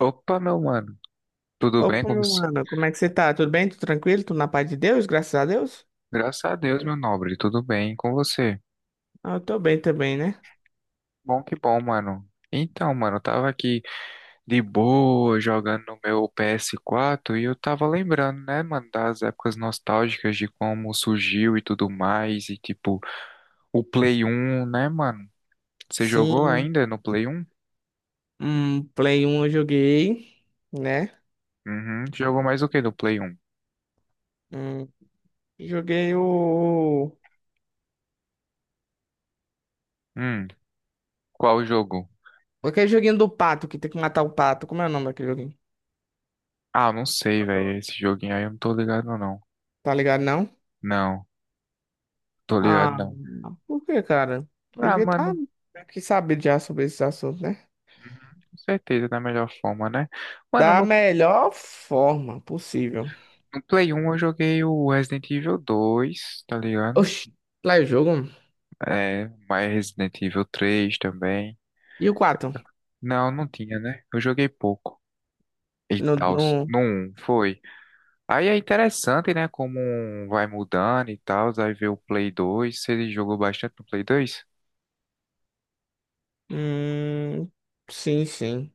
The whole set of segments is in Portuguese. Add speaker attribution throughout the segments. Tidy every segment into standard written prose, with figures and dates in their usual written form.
Speaker 1: Opa, meu mano, tudo bem
Speaker 2: Opa,
Speaker 1: com
Speaker 2: meu
Speaker 1: você?
Speaker 2: mano, como é que você tá? Tudo bem? Tudo tranquilo? Tudo na paz de Deus, graças a Deus?
Speaker 1: Graças a Deus, meu nobre, tudo bem com você?
Speaker 2: Ah, eu tô bem também, né?
Speaker 1: Bom que bom, mano. Então, mano, eu tava aqui de boa jogando no meu PS4 e eu tava lembrando, né, mano, das épocas nostálgicas de como surgiu e tudo mais e tipo o Play 1, né, mano? Você jogou
Speaker 2: Sim,
Speaker 1: ainda no Play 1?
Speaker 2: um Play um eu joguei, né?
Speaker 1: Uhum. Jogou mais o que no Play 1?
Speaker 2: Hum, joguei o...
Speaker 1: Hum, qual jogo?
Speaker 2: Aquele joguinho do pato, que tem que matar o pato. Como é o nome daquele joguinho?
Speaker 1: Ah, não sei, velho, esse joguinho aí eu não tô ligado não.
Speaker 2: Tá ligado, não?
Speaker 1: Não, tô ligado
Speaker 2: Ah,
Speaker 1: não.
Speaker 2: por que, cara?
Speaker 1: Ah,
Speaker 2: Devia estar
Speaker 1: mano,
Speaker 2: que saber já sobre esse assunto, né?
Speaker 1: com certeza, da melhor forma, né? Mano,
Speaker 2: Da
Speaker 1: no,
Speaker 2: melhor forma possível.
Speaker 1: no Play 1 eu joguei o Resident Evil 2, tá ligado?
Speaker 2: Oxi, lá é o jogo?
Speaker 1: É, mas Resident Evil 3 também.
Speaker 2: E o quatro.
Speaker 1: Não, não tinha, né? Eu joguei pouco. E
Speaker 2: No,
Speaker 1: tal,
Speaker 2: no...
Speaker 1: no um foi. Aí é interessante, né? Como um vai mudando e tal. Aí vê o Play 2. Você jogou bastante no Play 2?
Speaker 2: Hum, sim, sim.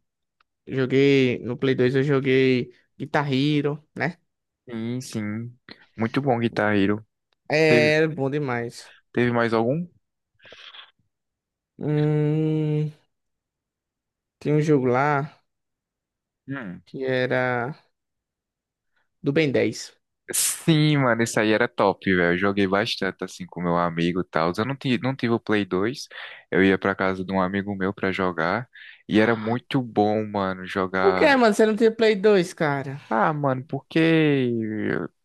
Speaker 2: Joguei no Play 2, eu joguei Guitar Hero, né?
Speaker 1: Sim, sim. Muito bom, Guitar Hero. Teve,
Speaker 2: É, bom demais.
Speaker 1: teve mais algum?
Speaker 2: Hum, tinha um jogo lá
Speaker 1: Hum.
Speaker 2: que era do Ben 10.
Speaker 1: Sim, mano, isso aí era top, velho. Eu joguei bastante assim com meu amigo e tal. Eu não tive, não tive o Play 2. Eu ia pra casa de um amigo meu pra jogar. E era muito bom, mano,
Speaker 2: Por que,
Speaker 1: jogar.
Speaker 2: mano? Você não tinha Play 2, cara?
Speaker 1: Ah, mano, porque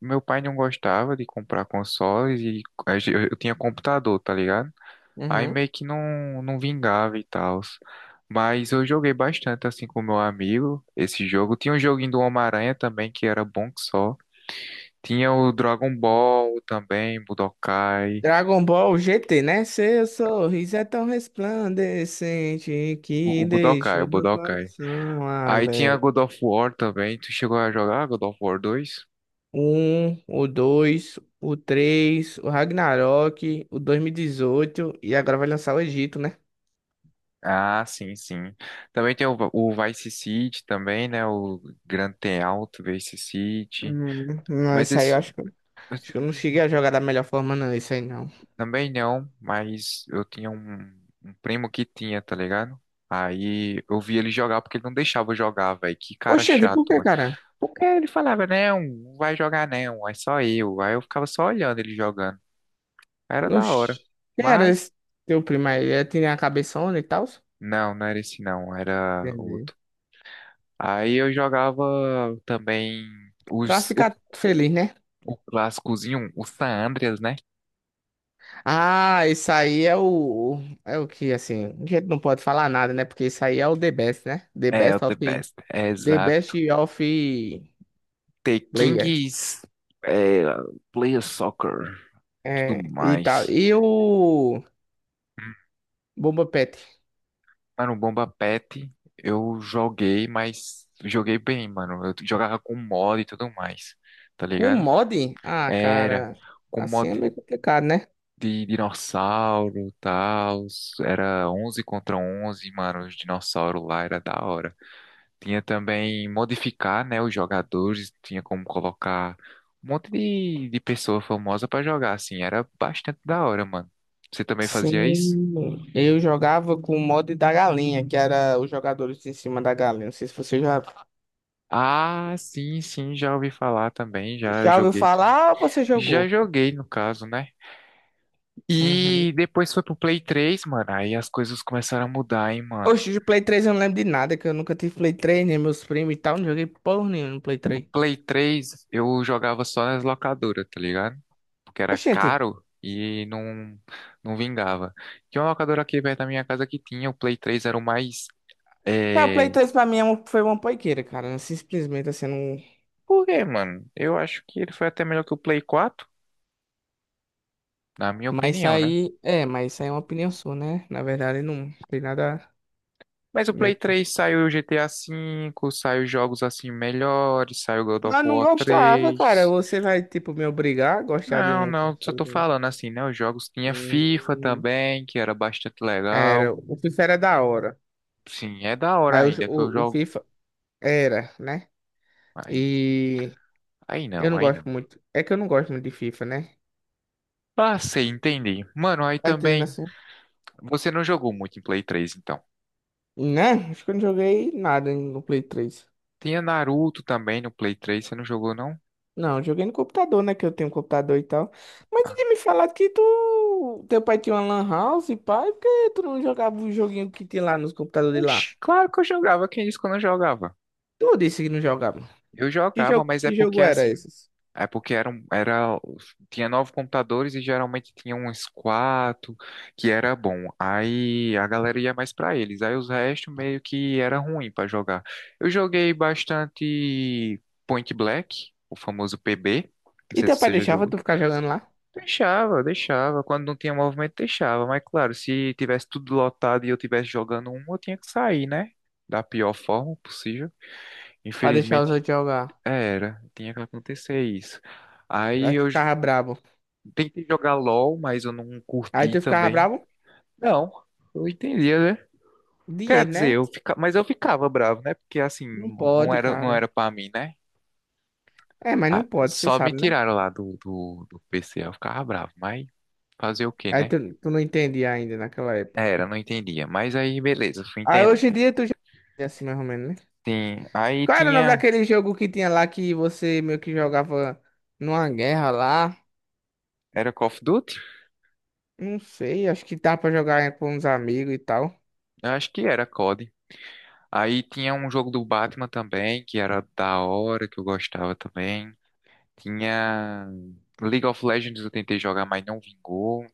Speaker 1: meu pai não gostava de comprar consoles e eu tinha computador, tá ligado? Aí
Speaker 2: Uhum.
Speaker 1: meio que não, não vingava e tal. Mas eu joguei bastante assim com meu amigo esse jogo. Tinha um joguinho do Homem-Aranha também que era bom que só. Tinha o Dragon Ball também, Budokai.
Speaker 2: Dragon Ball GT, né? Seu sorriso é tão resplandecente
Speaker 1: O,
Speaker 2: que
Speaker 1: o Budokai,
Speaker 2: deixou
Speaker 1: o
Speaker 2: meu
Speaker 1: Budokai.
Speaker 2: coração
Speaker 1: Aí tinha
Speaker 2: alegre.
Speaker 1: God of War também. Tu chegou a jogar God of War 2?
Speaker 2: O dois, o três, o Ragnarok, o 2018 e 18 e agora vai lançar o Egito, né?
Speaker 1: Ah, sim, sim. Também tem o Vice City também, né? O Grand Theft Auto Vice City.
Speaker 2: Hum, não,
Speaker 1: Mas
Speaker 2: isso aí eu
Speaker 1: esse
Speaker 2: acho.
Speaker 1: esse
Speaker 2: Acho
Speaker 1: eu
Speaker 2: que eu
Speaker 1: não
Speaker 2: não
Speaker 1: joguei.
Speaker 2: cheguei a jogar da melhor forma, não, isso aí não.
Speaker 1: Também não, mas eu tinha um primo que tinha, tá ligado? Aí eu vi ele jogar porque ele não deixava eu jogar, velho. Que cara
Speaker 2: Oxente, por
Speaker 1: chato.
Speaker 2: que, cara?
Speaker 1: Porque ele falava, não, não vai jogar não, é só eu. Aí eu ficava só olhando ele jogando. Era da hora.
Speaker 2: Oxi, quem era esse
Speaker 1: Mas
Speaker 2: teu primo aí? Ele tinha a cabeçona e tal?
Speaker 1: não, não era esse não, era
Speaker 2: Entendi.
Speaker 1: outro. Aí eu jogava também
Speaker 2: Pra
Speaker 1: os, o,
Speaker 2: ficar feliz, né?
Speaker 1: o clássicozinho, o San Andreas, né?
Speaker 2: Ah, isso aí é o. É o que, assim. A gente não pode falar nada, né? Porque isso aí é o The Best, né? The
Speaker 1: É, o
Speaker 2: Best
Speaker 1: The
Speaker 2: of.
Speaker 1: Best, é,
Speaker 2: The Best
Speaker 1: exato.
Speaker 2: of
Speaker 1: The
Speaker 2: Players.
Speaker 1: Kings, é, Player Soccer, tudo
Speaker 2: É, e tal.
Speaker 1: mais.
Speaker 2: E o. Bomba Pet.
Speaker 1: Mano, o Bomba Pet eu joguei, mas joguei bem, mano. Eu jogava com mod e tudo mais, tá
Speaker 2: Com
Speaker 1: ligado?
Speaker 2: mod? Ah,
Speaker 1: Era
Speaker 2: cara.
Speaker 1: com
Speaker 2: Assim é
Speaker 1: mod
Speaker 2: meio complicado, né?
Speaker 1: de dinossauro, tal, era 11 contra 11, mano, os dinossauros lá era da hora. Tinha também modificar, né, os jogadores, tinha como colocar um monte de pessoa famosa pra jogar, assim, era bastante da hora, mano. Você também fazia isso?
Speaker 2: Sim, eu jogava com o mod da galinha, que era os jogadores em cima da galinha. Não sei se você já,
Speaker 1: Ah, sim, sim, já ouvi falar também, já
Speaker 2: já ouviu
Speaker 1: joguei.
Speaker 2: falar ou você
Speaker 1: Já
Speaker 2: jogou.
Speaker 1: joguei, no caso, né?
Speaker 2: Uhum.
Speaker 1: E depois foi pro Play 3, mano, aí as coisas começaram a mudar, hein, mano.
Speaker 2: Oxe, de Play 3 eu não lembro de nada, que eu nunca tive Play 3, nem meus primos e tal, não joguei porra nenhuma no Play
Speaker 1: No
Speaker 2: 3.
Speaker 1: Play 3, eu jogava só nas locadoras, tá ligado? Porque era
Speaker 2: Oxente,
Speaker 1: caro e não, não vingava. Tinha uma locadora aqui perto da minha casa que tinha, o Play 3 era o mais.
Speaker 2: é, o Play
Speaker 1: É...
Speaker 2: 3 pra mim é foi uma poiqueira, cara. Simplesmente assim, não.
Speaker 1: Por quê, mano? Eu acho que ele foi até melhor que o Play 4, na minha
Speaker 2: Mas isso
Speaker 1: opinião, né?
Speaker 2: aí, é, mas isso aí é uma opinião sua, né? Na verdade, não tem nada
Speaker 1: Mas o Play
Speaker 2: meu.
Speaker 1: 3 saiu o GTA 5, saiu jogos assim melhores, saiu God of
Speaker 2: Mas não
Speaker 1: War
Speaker 2: gostava, cara.
Speaker 1: 3.
Speaker 2: Você vai, tipo, me obrigar a gostar de
Speaker 1: Não,
Speaker 2: um
Speaker 1: não, só
Speaker 2: console
Speaker 1: tô
Speaker 2: que eu não
Speaker 1: falando assim, né? Os jogos tinha FIFA
Speaker 2: tenho.
Speaker 1: também, que era bastante
Speaker 2: Era,
Speaker 1: legal.
Speaker 2: o FIFA era da hora,
Speaker 1: Sim, é da hora
Speaker 2: mas o,
Speaker 1: ainda, que eu
Speaker 2: o, o
Speaker 1: jogo.
Speaker 2: FIFA era, né?
Speaker 1: Aí,
Speaker 2: E
Speaker 1: aí
Speaker 2: eu
Speaker 1: não,
Speaker 2: não
Speaker 1: aí
Speaker 2: gosto
Speaker 1: não.
Speaker 2: muito. É que eu não gosto muito de FIFA, né?
Speaker 1: Ah, sei, entendi. Mano, aí
Speaker 2: Tá entendendo
Speaker 1: também.
Speaker 2: assim?
Speaker 1: Você não jogou muito em Play 3, então.
Speaker 2: Né? Acho que eu não joguei nada no Play 3.
Speaker 1: Tinha Naruto também no Play 3, você não jogou, não?
Speaker 2: Não, eu joguei no computador, né? Que eu tenho um computador e tal. Mas tu
Speaker 1: Ah,
Speaker 2: tinha me falado que tu. Teu pai tinha uma Lan House, pai, por que tu não jogava o joguinho que tinha lá nos computadores de lá?
Speaker 1: oxi, claro que eu jogava. Quem disse que eu não jogava?
Speaker 2: Tu disse que não jogava.
Speaker 1: Eu jogava, mas é
Speaker 2: Que
Speaker 1: porque
Speaker 2: jogo era
Speaker 1: assim,
Speaker 2: esses?
Speaker 1: é porque tinha nove computadores e geralmente tinha uns quatro que era bom. Aí a galera ia mais pra eles. Aí os restos meio que era ruim pra jogar. Eu joguei bastante Point Black, o famoso PB. Não
Speaker 2: E
Speaker 1: sei
Speaker 2: teu
Speaker 1: se
Speaker 2: pai
Speaker 1: você já
Speaker 2: deixava
Speaker 1: jogou.
Speaker 2: tu ficar jogando lá?
Speaker 1: Deixava, deixava. Quando não tinha movimento, deixava. Mas claro, se tivesse tudo lotado e eu tivesse jogando um, eu tinha que sair, né? Da pior forma possível.
Speaker 2: Pra deixar os
Speaker 1: Infelizmente
Speaker 2: outros jogar.
Speaker 1: era, tinha que acontecer isso. Aí
Speaker 2: Aí tu
Speaker 1: eu
Speaker 2: ficava brabo.
Speaker 1: tentei jogar LOL, mas eu não
Speaker 2: Aí
Speaker 1: curti
Speaker 2: tu ficava
Speaker 1: também.
Speaker 2: bravo?
Speaker 1: Não, eu entendia, né? Quer
Speaker 2: Dinheiro,
Speaker 1: dizer,
Speaker 2: né?
Speaker 1: mas eu ficava bravo, né? Porque assim,
Speaker 2: Não
Speaker 1: não
Speaker 2: pode,
Speaker 1: era, não
Speaker 2: cara.
Speaker 1: era pra mim, né?
Speaker 2: É, mas não
Speaker 1: Ah,
Speaker 2: pode, você
Speaker 1: só me
Speaker 2: sabe, né?
Speaker 1: tiraram lá do, do PC, eu ficava bravo, mas fazer o quê,
Speaker 2: Aí
Speaker 1: né?
Speaker 2: tu não entendia ainda naquela época.
Speaker 1: Era, não entendia. Mas aí, beleza, fui
Speaker 2: Aí
Speaker 1: entender.
Speaker 2: hoje em dia tu já é assim, mais ou menos, né?
Speaker 1: Tem... Aí
Speaker 2: Qual era o nome
Speaker 1: tinha.
Speaker 2: daquele jogo que tinha lá que você meio que jogava numa guerra lá?
Speaker 1: Era Call of Duty?
Speaker 2: Não sei, acho que dá pra jogar com uns amigos e tal.
Speaker 1: Eu acho que era COD. Aí tinha um jogo do Batman também, que era da hora, que eu gostava também. Tinha League of Legends, eu tentei jogar, mas não vingou.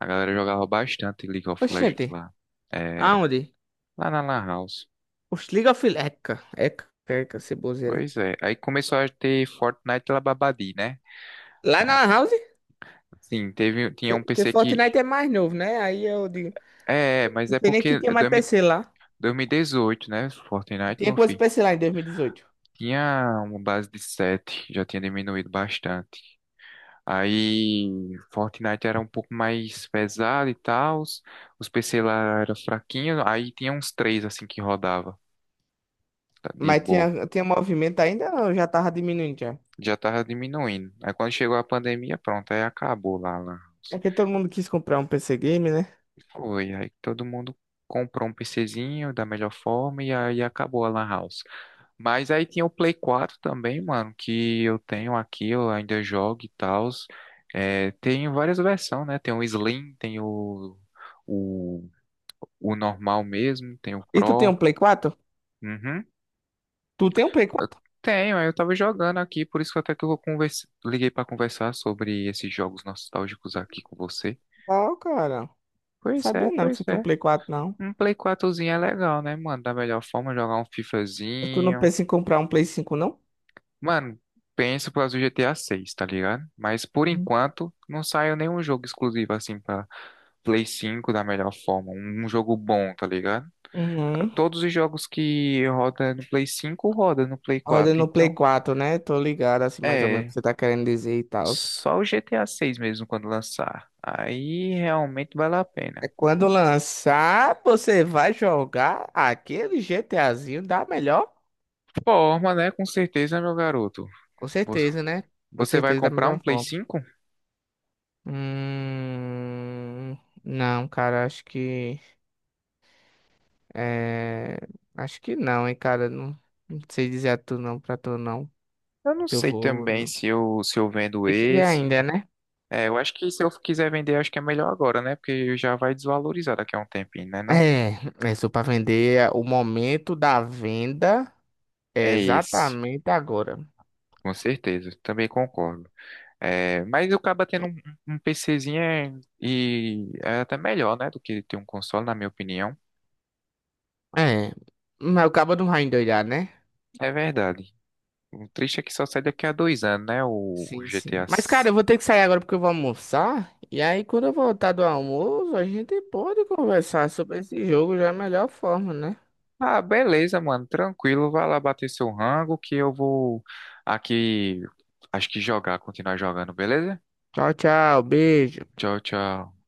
Speaker 1: A galera jogava bastante League of Legends
Speaker 2: Oxente,
Speaker 1: lá. Era.
Speaker 2: aonde?
Speaker 1: Lá na Lan House.
Speaker 2: Oxe, League of Eca, Eca, Eca, ceboseira.
Speaker 1: Pois é. Aí começou a ter Fortnite lá, Babadi, né?
Speaker 2: Lá na
Speaker 1: Ah,
Speaker 2: Lan House?
Speaker 1: sim, teve, tinha um
Speaker 2: Porque
Speaker 1: PC que.
Speaker 2: Fortnite é mais novo, né? Aí eu digo,
Speaker 1: Mas
Speaker 2: não
Speaker 1: é
Speaker 2: sei nem que
Speaker 1: porque
Speaker 2: tinha
Speaker 1: é
Speaker 2: mais
Speaker 1: 2000
Speaker 2: PC lá.
Speaker 1: 2018, né? Fortnite,
Speaker 2: Tinha
Speaker 1: meu
Speaker 2: quantos
Speaker 1: filho.
Speaker 2: PC lá em 2018?
Speaker 1: Tinha uma base de 7, já tinha diminuído bastante. Aí Fortnite era um pouco mais pesado e tal, os PC lá era fraquinho, aí tinha uns três assim que rodava, tá, de
Speaker 2: Mas
Speaker 1: boa.
Speaker 2: tinha movimento ainda ou já tava diminuindo já?
Speaker 1: Já tava diminuindo. Aí quando chegou a pandemia, pronto, aí acabou lá, lá.
Speaker 2: É que todo mundo quis comprar um PC Game, né?
Speaker 1: Foi, aí todo mundo comprou um PCzinho da melhor forma e aí acabou a Lan House. Mas aí tinha o Play 4 também, mano, que eu tenho aqui, eu ainda jogo e tal. É, tem várias versões, né? Tem o Slim, tem o o normal mesmo, tem o
Speaker 2: E tu tem
Speaker 1: Pro.
Speaker 2: um Play 4?
Speaker 1: Uhum.
Speaker 2: Tu tem um Play
Speaker 1: Eu
Speaker 2: 4?
Speaker 1: tenho, aí eu tava jogando aqui, por isso que até que eu converse... liguei pra conversar sobre esses jogos nostálgicos aqui com você.
Speaker 2: Ó, cara.
Speaker 1: Pois
Speaker 2: Sabia
Speaker 1: é,
Speaker 2: não que
Speaker 1: pois
Speaker 2: você tem um
Speaker 1: é.
Speaker 2: Play 4, não.
Speaker 1: Um Play quatrozinho é legal, né, mano? Da melhor forma, jogar um
Speaker 2: É, tu não
Speaker 1: FIFAzinho.
Speaker 2: pensa em comprar um Play 5, não?
Speaker 1: Mano, penso para o GTA 6, tá ligado? Mas por
Speaker 2: Uhum.
Speaker 1: enquanto, não saiu nenhum jogo exclusivo assim pra Play 5 da melhor forma. Um jogo bom, tá ligado?
Speaker 2: Uhum.
Speaker 1: Todos os jogos que roda no Play 5 roda no Play
Speaker 2: Roda
Speaker 1: quatro
Speaker 2: no Play
Speaker 1: Então,
Speaker 2: 4, né? Tô ligado, assim, mais ou menos o que
Speaker 1: é,
Speaker 2: você tá querendo dizer e tal.
Speaker 1: só o GTA 6 mesmo quando lançar. Aí realmente vale a
Speaker 2: É
Speaker 1: pena.
Speaker 2: quando lançar, você vai jogar aquele GTAzinho da melhor?
Speaker 1: Forma, né? Com certeza, meu garoto.
Speaker 2: Com
Speaker 1: Vo-
Speaker 2: certeza, né? Com
Speaker 1: Você vai
Speaker 2: certeza da
Speaker 1: comprar um
Speaker 2: melhor
Speaker 1: Play
Speaker 2: forma.
Speaker 1: 5?
Speaker 2: Hum, não, cara, acho que é, acho que não, hein, cara, não, não sei dizer a tu não, pra tu não,
Speaker 1: Eu não
Speaker 2: se eu
Speaker 1: sei
Speaker 2: vou ou
Speaker 1: também
Speaker 2: não.
Speaker 1: se eu vendo
Speaker 2: Tem que ver
Speaker 1: esse.
Speaker 2: ainda, né?
Speaker 1: É, eu acho que se eu quiser vender, acho que é melhor agora, né? Porque já vai desvalorizar daqui a um tempinho, né não?
Speaker 2: É, é só pra vender é, o momento da venda é
Speaker 1: É esse,
Speaker 2: exatamente agora.
Speaker 1: com certeza. Também concordo. É, mas eu acaba tendo um PCzinho e é até melhor, né? Do que ter um console, na minha opinião.
Speaker 2: É, mas o cabo não vai endoidar, né?
Speaker 1: É verdade. O triste é que só sai daqui a 2 anos, né? O
Speaker 2: Sim, sim.
Speaker 1: GTA.
Speaker 2: Mas, cara, eu vou ter que sair agora porque eu vou almoçar. E aí, quando eu voltar do almoço, a gente pode conversar sobre esse jogo já é a melhor forma, né?
Speaker 1: Ah, beleza, mano. Tranquilo. Vai lá bater seu rango que eu vou aqui. Acho que jogar, continuar jogando, beleza?
Speaker 2: Tchau, tchau. Beijo.
Speaker 1: Tchau, tchau.